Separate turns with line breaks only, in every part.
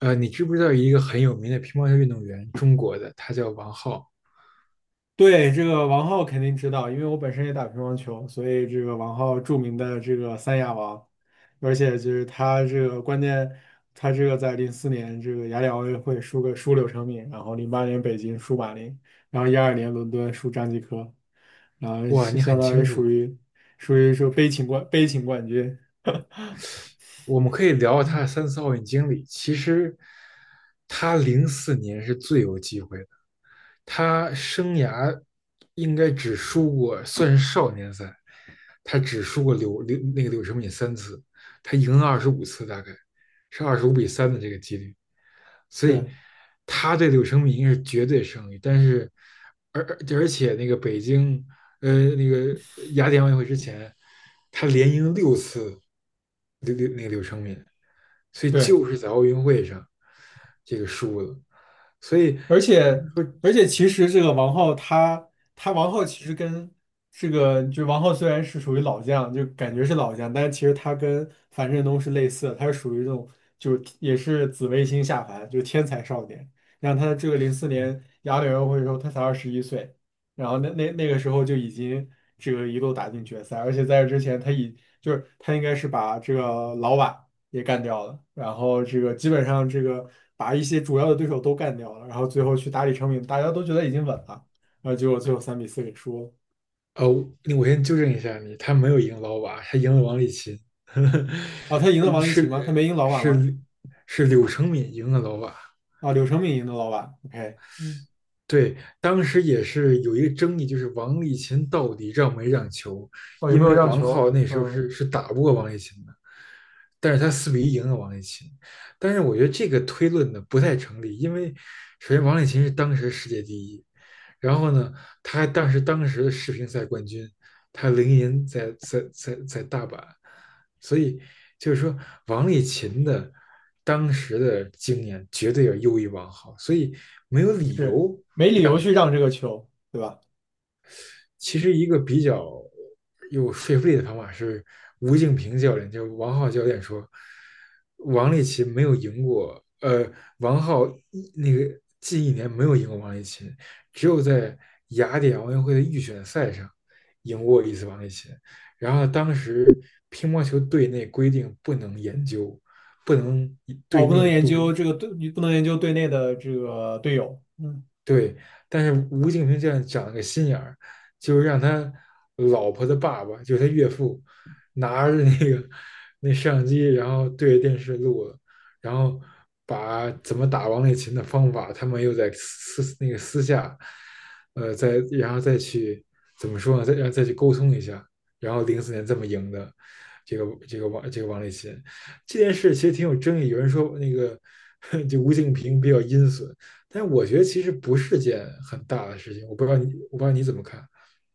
你知不知道一个很有名的乒乓球运动员，中国的，他叫王皓。
对，这个王浩肯定知道，因为我本身也打乒乓球，所以这个王浩著名的这个三亚王，而且就是他这个关键，他这个在零四年这个雅典奥运会输柳成敏，然后零八年北京输马林，然后12年伦敦输张继科，然后
哇，
是
你
相
很
当于
清
属
楚。
于属于说悲情冠军，
我们可以聊聊他的三次奥运经历。其实，他零四年是最有机会的。他生涯应该只输过，算是少年赛，他只输过柳柳那个柳什敏三次，他赢了25次，大概是25比3的这个几率。所以
对
他对柳承敏应该是绝对胜利，但是而且那个北京呃，那个雅典奥运会之前，他连赢六次柳柳那个柳成敏，所以
对。
就是在奥运会上这个输了。所以，
而且而且，其实这个王浩他他王浩其实跟这个就王浩虽然是属于老将，就感觉是老将，但是其实他跟樊振东是类似的，他是属于这种就是也是紫微星下凡，就是天才少年。然后他这个零四年雅典奥运会的时候，他才21岁，然后那个时候就已经这个一路打进决赛，而且在这之前就是他应该是把这个老瓦。也干掉了，然后这个基本上这个把一些主要的对手都干掉了，然后最后去打李成敏，大家都觉得已经稳了，然后结果最后3-4给输了。
呃，那我先纠正一下你，他没有赢老瓦，他赢了王励勤。
哦，他赢了
呃
王励勤吗？他
是
没赢老瓦吗？
是是柳成敏赢了老瓦。
啊，柳成敏赢了老瓦。OK，嗯，
对，当时也是有一个争议，就是王励勤到底让没让球，
哦，有没
因
有
为
让
王
球？
皓那时候
嗯，
是打不过王励勤的。但是他4比1赢了王励勤。但是我觉得这个推论呢不太成立，因为首先王励勤是当时世界第一，然后呢，他还当时的世乒赛冠军，他零银在大阪，所以就是说王励勤的当时的经验绝对要优于王皓，所以没有理
是
由。
没理由去让这个球，对吧？
其实一个比较有说服力的方法是吴敬平教练，就王浩教练说，王励勤没有赢过，王浩那个近一年没有赢过王励勤，只有在雅典奥运会的预选赛上赢过一次王励勤。然后当时乒乓球队内规定不能研究，不能
哦，
对
不能
内
研究
录，
这个队，你不能研究队内的这个队友。嗯。
对，但是吴敬平这样长了个心眼儿，就是让他老婆的爸爸，就是他岳父，拿着那个那摄像机，然后对着电视录了，然后把怎么打王励勤的方法，他们又在私那个私下，再然后再去，怎么说呢？再然后再去沟通一下，然后零四年这么赢的这个这个王这个王励勤。这件事，其实挺有争议。有人说那个 就吴敬平比较阴损，但是我觉得其实不是件很大的事情，我不知道你怎么看。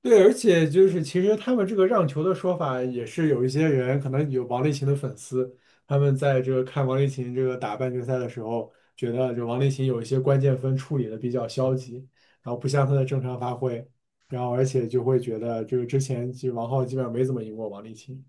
对，而且就是其实他们这个让球的说法，也是有一些人可能有王励勤的粉丝，他们在这个看王励勤这个打半决赛的时候，觉得就王励勤有一些关键分处理的比较消极，然后不像他的正常发挥，然后而且就会觉得这个之前其实王皓基本上没怎么赢过王励勤，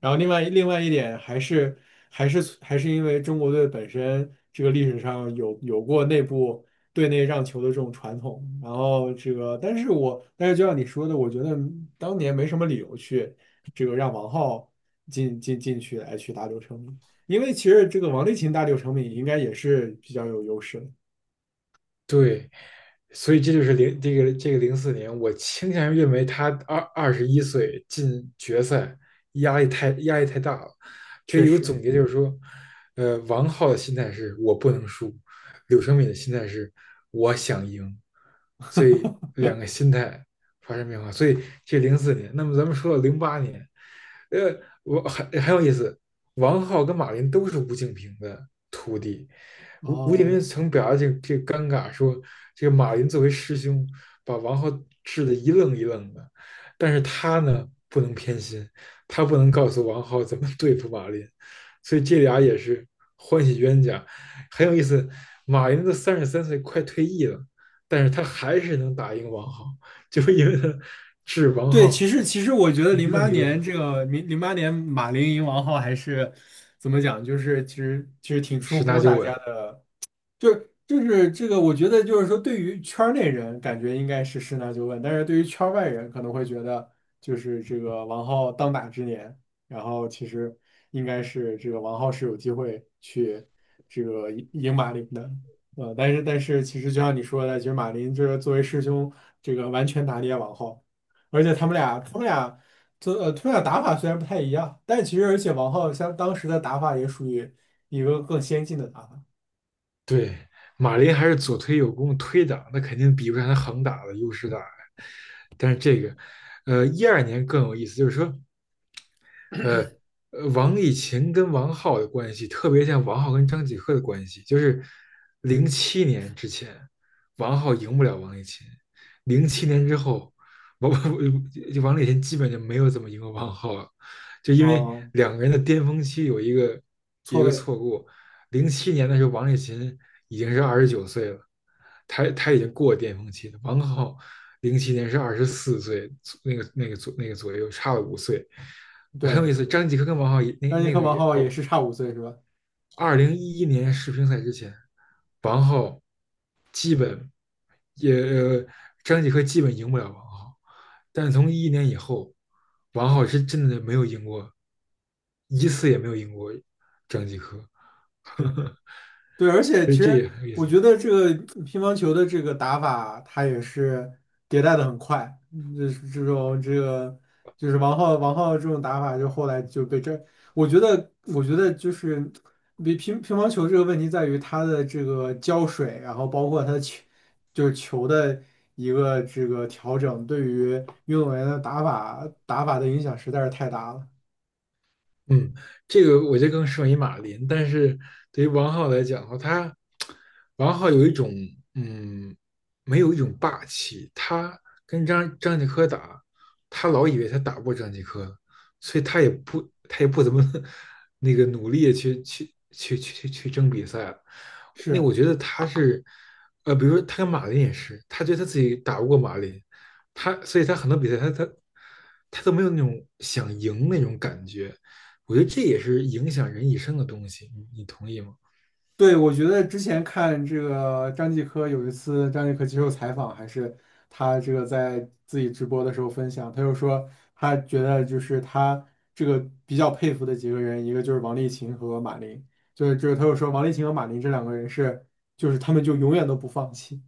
然后另外一点还是因为中国队本身这个历史上有过内部。队内让球的这种传统。然后这个，但是就像你说的，我觉得当年没什么理由去这个让王皓进去打柳成敏，因为其实这个王励勤打柳成敏应该也是比较有优势的，
对，所以这就是零这个这个零四年，我倾向于认为他21岁进决赛压力太大了。这
确
有个
实。
总结就是说，王浩的心态是我不能输，柳承敏的心态是我想赢，所以两个心态发生变化。所以这零四年，那么咱们说到08年，呃，很有意思。王浩跟马琳都是吴敬平的徒弟。吴吴敬
哦，
琏曾表达这个尴尬说，这个马云作为师兄，把王浩治得一愣一愣的，但是他呢不能偏心，他不能告诉王浩怎么对付马林，所以这
嗯
俩也是欢喜冤家，很有意思。马云都33岁，快退役了，但是他还是能打赢王浩，就是因为他治王
对，其
浩
实其实我觉得
一愣一愣，
2008年马林赢王皓还是怎么讲，就是其实挺出
十拿
乎
九
大家
稳。
的就是这个，我觉得就是说，对于圈儿内人，感觉应该是十那就问，但是对于圈儿外人，可能会觉得就是这个王浩当打之年，然后其实应该是这个王浩是有机会去这个赢马林的，但是其实就像你说的，其实马林就是作为师兄，这个完全打脸王浩，而且他们俩打法虽然不太一样，但其实而且王浩像当时的打法也属于一个更先进的打法。
对，马林还是左推右攻推挡，那肯定比不上他横打的优势大呀。但是这个，12年更有意思，就是说，呃，王以勤跟王浩的关系，特别像王浩跟张继科的关系，就是零七年之前，王浩赢不了王以勤，零七年之后，王 就王以勤基本就没有怎么赢过王浩了，就因为
哦，
两个人的巅峰期有
错
一个
位，
错过。零七年的时候王以勤已经是29岁了，他已经过巅峰期了，王浩零七年是24岁，那个那个左那个左右差了五岁。很有
对，
意思，张继科跟王浩也那
让尼
那
克
个
王
也
浩
差
也
五岁。
是差5岁是吧？
2011年世乒赛之前，王浩基本也呃张继科基本赢不了王浩，但从一一年以后，王浩是真的没有赢过一次，也没有赢过张继科。
是，对，而且
所
其
以这
实
也很有意
我
思。
觉得这个乒乓球的这个打法，它也是迭代的很快，嗯就是这种这个就是王浩这种打法，就后来就被这，我觉得就是乒乓球这个问题在于它的这个胶水，然后包括它的球就是球的一个这个调整，对于运动员的打法的影响实在是太大了，
嗯，这个我觉得更适合于马林，但是对于王浩来讲的话，他王浩有一种嗯，没有一种霸气。他跟张继科打，他老以为他打不过张继科，所以他也不怎么 那个努力地去争比赛了。那
是。
我觉得他是，比如说他跟马林也是，他觉得他自己打不过马林，他所以他很多比赛他都没有那种想赢那种感觉。我觉得这也是影响人一生的东西，你同意吗？
对，我觉得之前看这个张继科有一次张继科接受采访，还是他这个在自己直播的时候分享，他就说他觉得就是他这个比较佩服的几个人，一个就是王励勤和马琳，就是他又说王励勤和马琳这两个人是就是他们就永远都不放弃，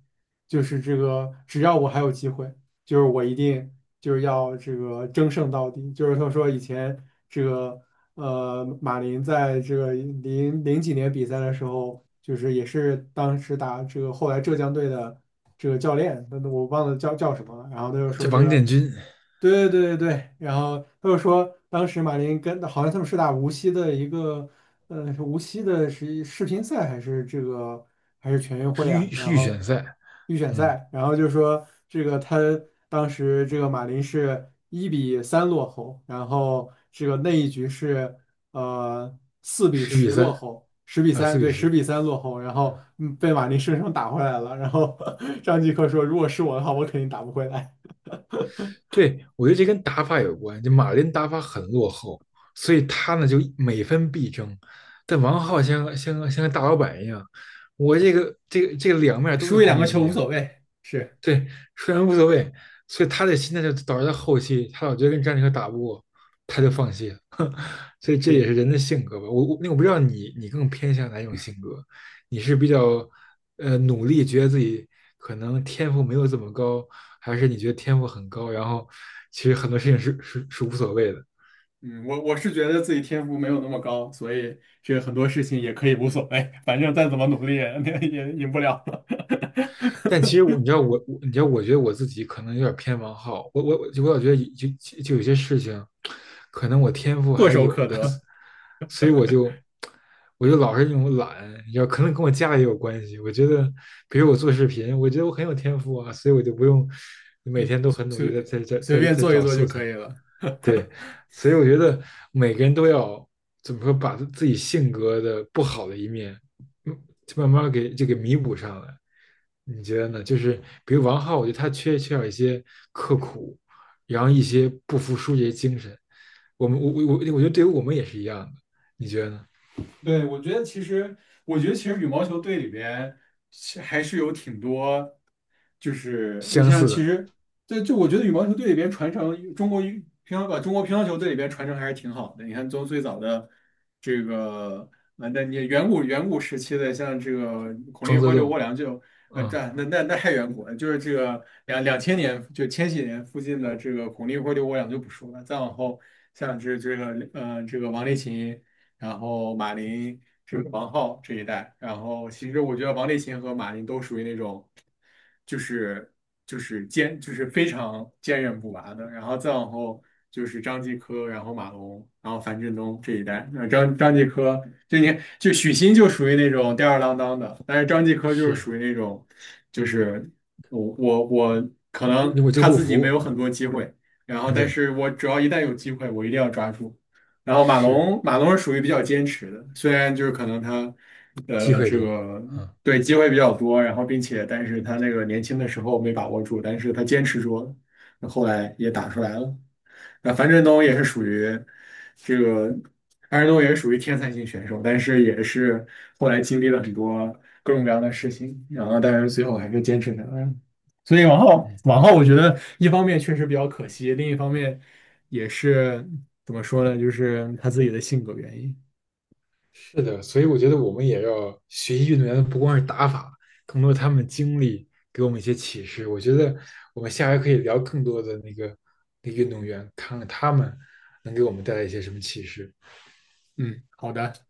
就是这个只要我还有机会，就是我一定就是要这个争胜到底。就是他说以前这个马林在这个零零几年比赛的时候，就是也是当时打这个后来浙江队的这个教练，那我忘了叫什么了。然后他就
这
说这
王
个，
建军
对对对对对，然后他就说当时马林跟好像他们是打无锡的一个，呃，是无锡的是世乒赛还是全运会啊？
是
然
预
后。
选赛。
预选
嗯，
赛，然后就说这个他当时这个马林是1-3落后，然后这个那一局是四比
十
十
比
落
三
后，十比
啊，
三，
四比
对，十
十。
比三落后，然后被马林生生打回来了。然后 张继科说，如果是我的话，我肯定打不回来。
对，我觉得这跟打法有关。就马林打法很落后，所以他呢就每分必争。但王浩像个大老板一样，我这个两面都
输
是
一两
攻
个球
击
无
啊。
所谓。是
对，虽然无所谓，所以他的心态就导致他后期，他老觉得跟詹妮克打不过，他就放弃了。所以这也
是，
是人的性格吧。那我不知道你更偏向哪一种性格，你是比较努力，觉得自己可能天赋没有这么高，还是你觉得天赋很高，然后其实很多事情是无所谓的？
嗯，我是觉得自己天赋没有那么高，所以这个很多事情也可以无所谓，反正再怎么努力也 也赢不了。
但其实我你知道，我觉得我自己可能有点偏王浩，我老觉得就就就有些事情，可能我天赋
唾
还
手
有
可
的。
得，
所以我就老是那种懒，你知道，可能跟我家里也有关系。我觉得，比如我做视频，我觉得我很有天赋啊，所以我就不用每
嗯，
天都很努力
随
的在在
随
在
便
在
做一
找
做就
素材。
可以了。
对，所以我觉得每个人都要怎么说，把自己性格的不好的一面就慢慢给就给弥补上来。你觉得呢？就是比如王浩，我觉得他缺少一些刻苦，然后一些不服输这些精神。我们我我我，我觉得对于我们也是一样的。你觉得呢？
对，我觉得其实羽毛球队里边还是有挺多，就是你
相
像
似
其
的。
实，对，就我觉得羽毛球队里边传承中国乒乓球队里边传承还是挺好的。你看从最早的这个啊，那你远古时期的像这个孔
庄
令
则
辉、刘
栋。
国梁就
嗯，
这那那那太远古了，就是这个两千年就千禧年附近的这个孔令辉、刘国梁就不说了，再往后像这个王励勤。然后马琳是王浩这一代，然后其实我觉得王励勤和马琳都属于那种，就是就是坚就是非常坚韧不拔的，然后再往后就是张继科，然后马龙，然后樊振东这一代，那张继科就你就许昕就属于那种吊儿郎当的，但是张继科就是
是。
属于那种，就是我我我可
我
能
我就
他
不
自己没
服。
有很多机会，然后
嗯，
但
对，
是我只要一旦有机会，我一定要抓住。然后马
是。
龙，马龙是属于比较坚持的，虽然就是可能他，
机会
这
多。
个
嗯。
对机会比较多，然后并且但是他那个年轻的时候没把握住，但是他坚持住了，后来也打出来了。那这个，樊振东也是属于天才型选手，但是也是后来经历了很多各种各样的事情，然后但是最后还是坚持下来了。所以往后
嗯。
往后，我觉得一方面确实比较可惜，另一方面也是怎么说呢，就是他自己的性格原因。
是的，所以我觉得我们也要学习运动员的不光是打法，更多他们的经历给我们一些启示。我觉得我们下回可以聊更多的那个那个运动员，看看他们能给我们带来一些什么启示。
嗯，好的。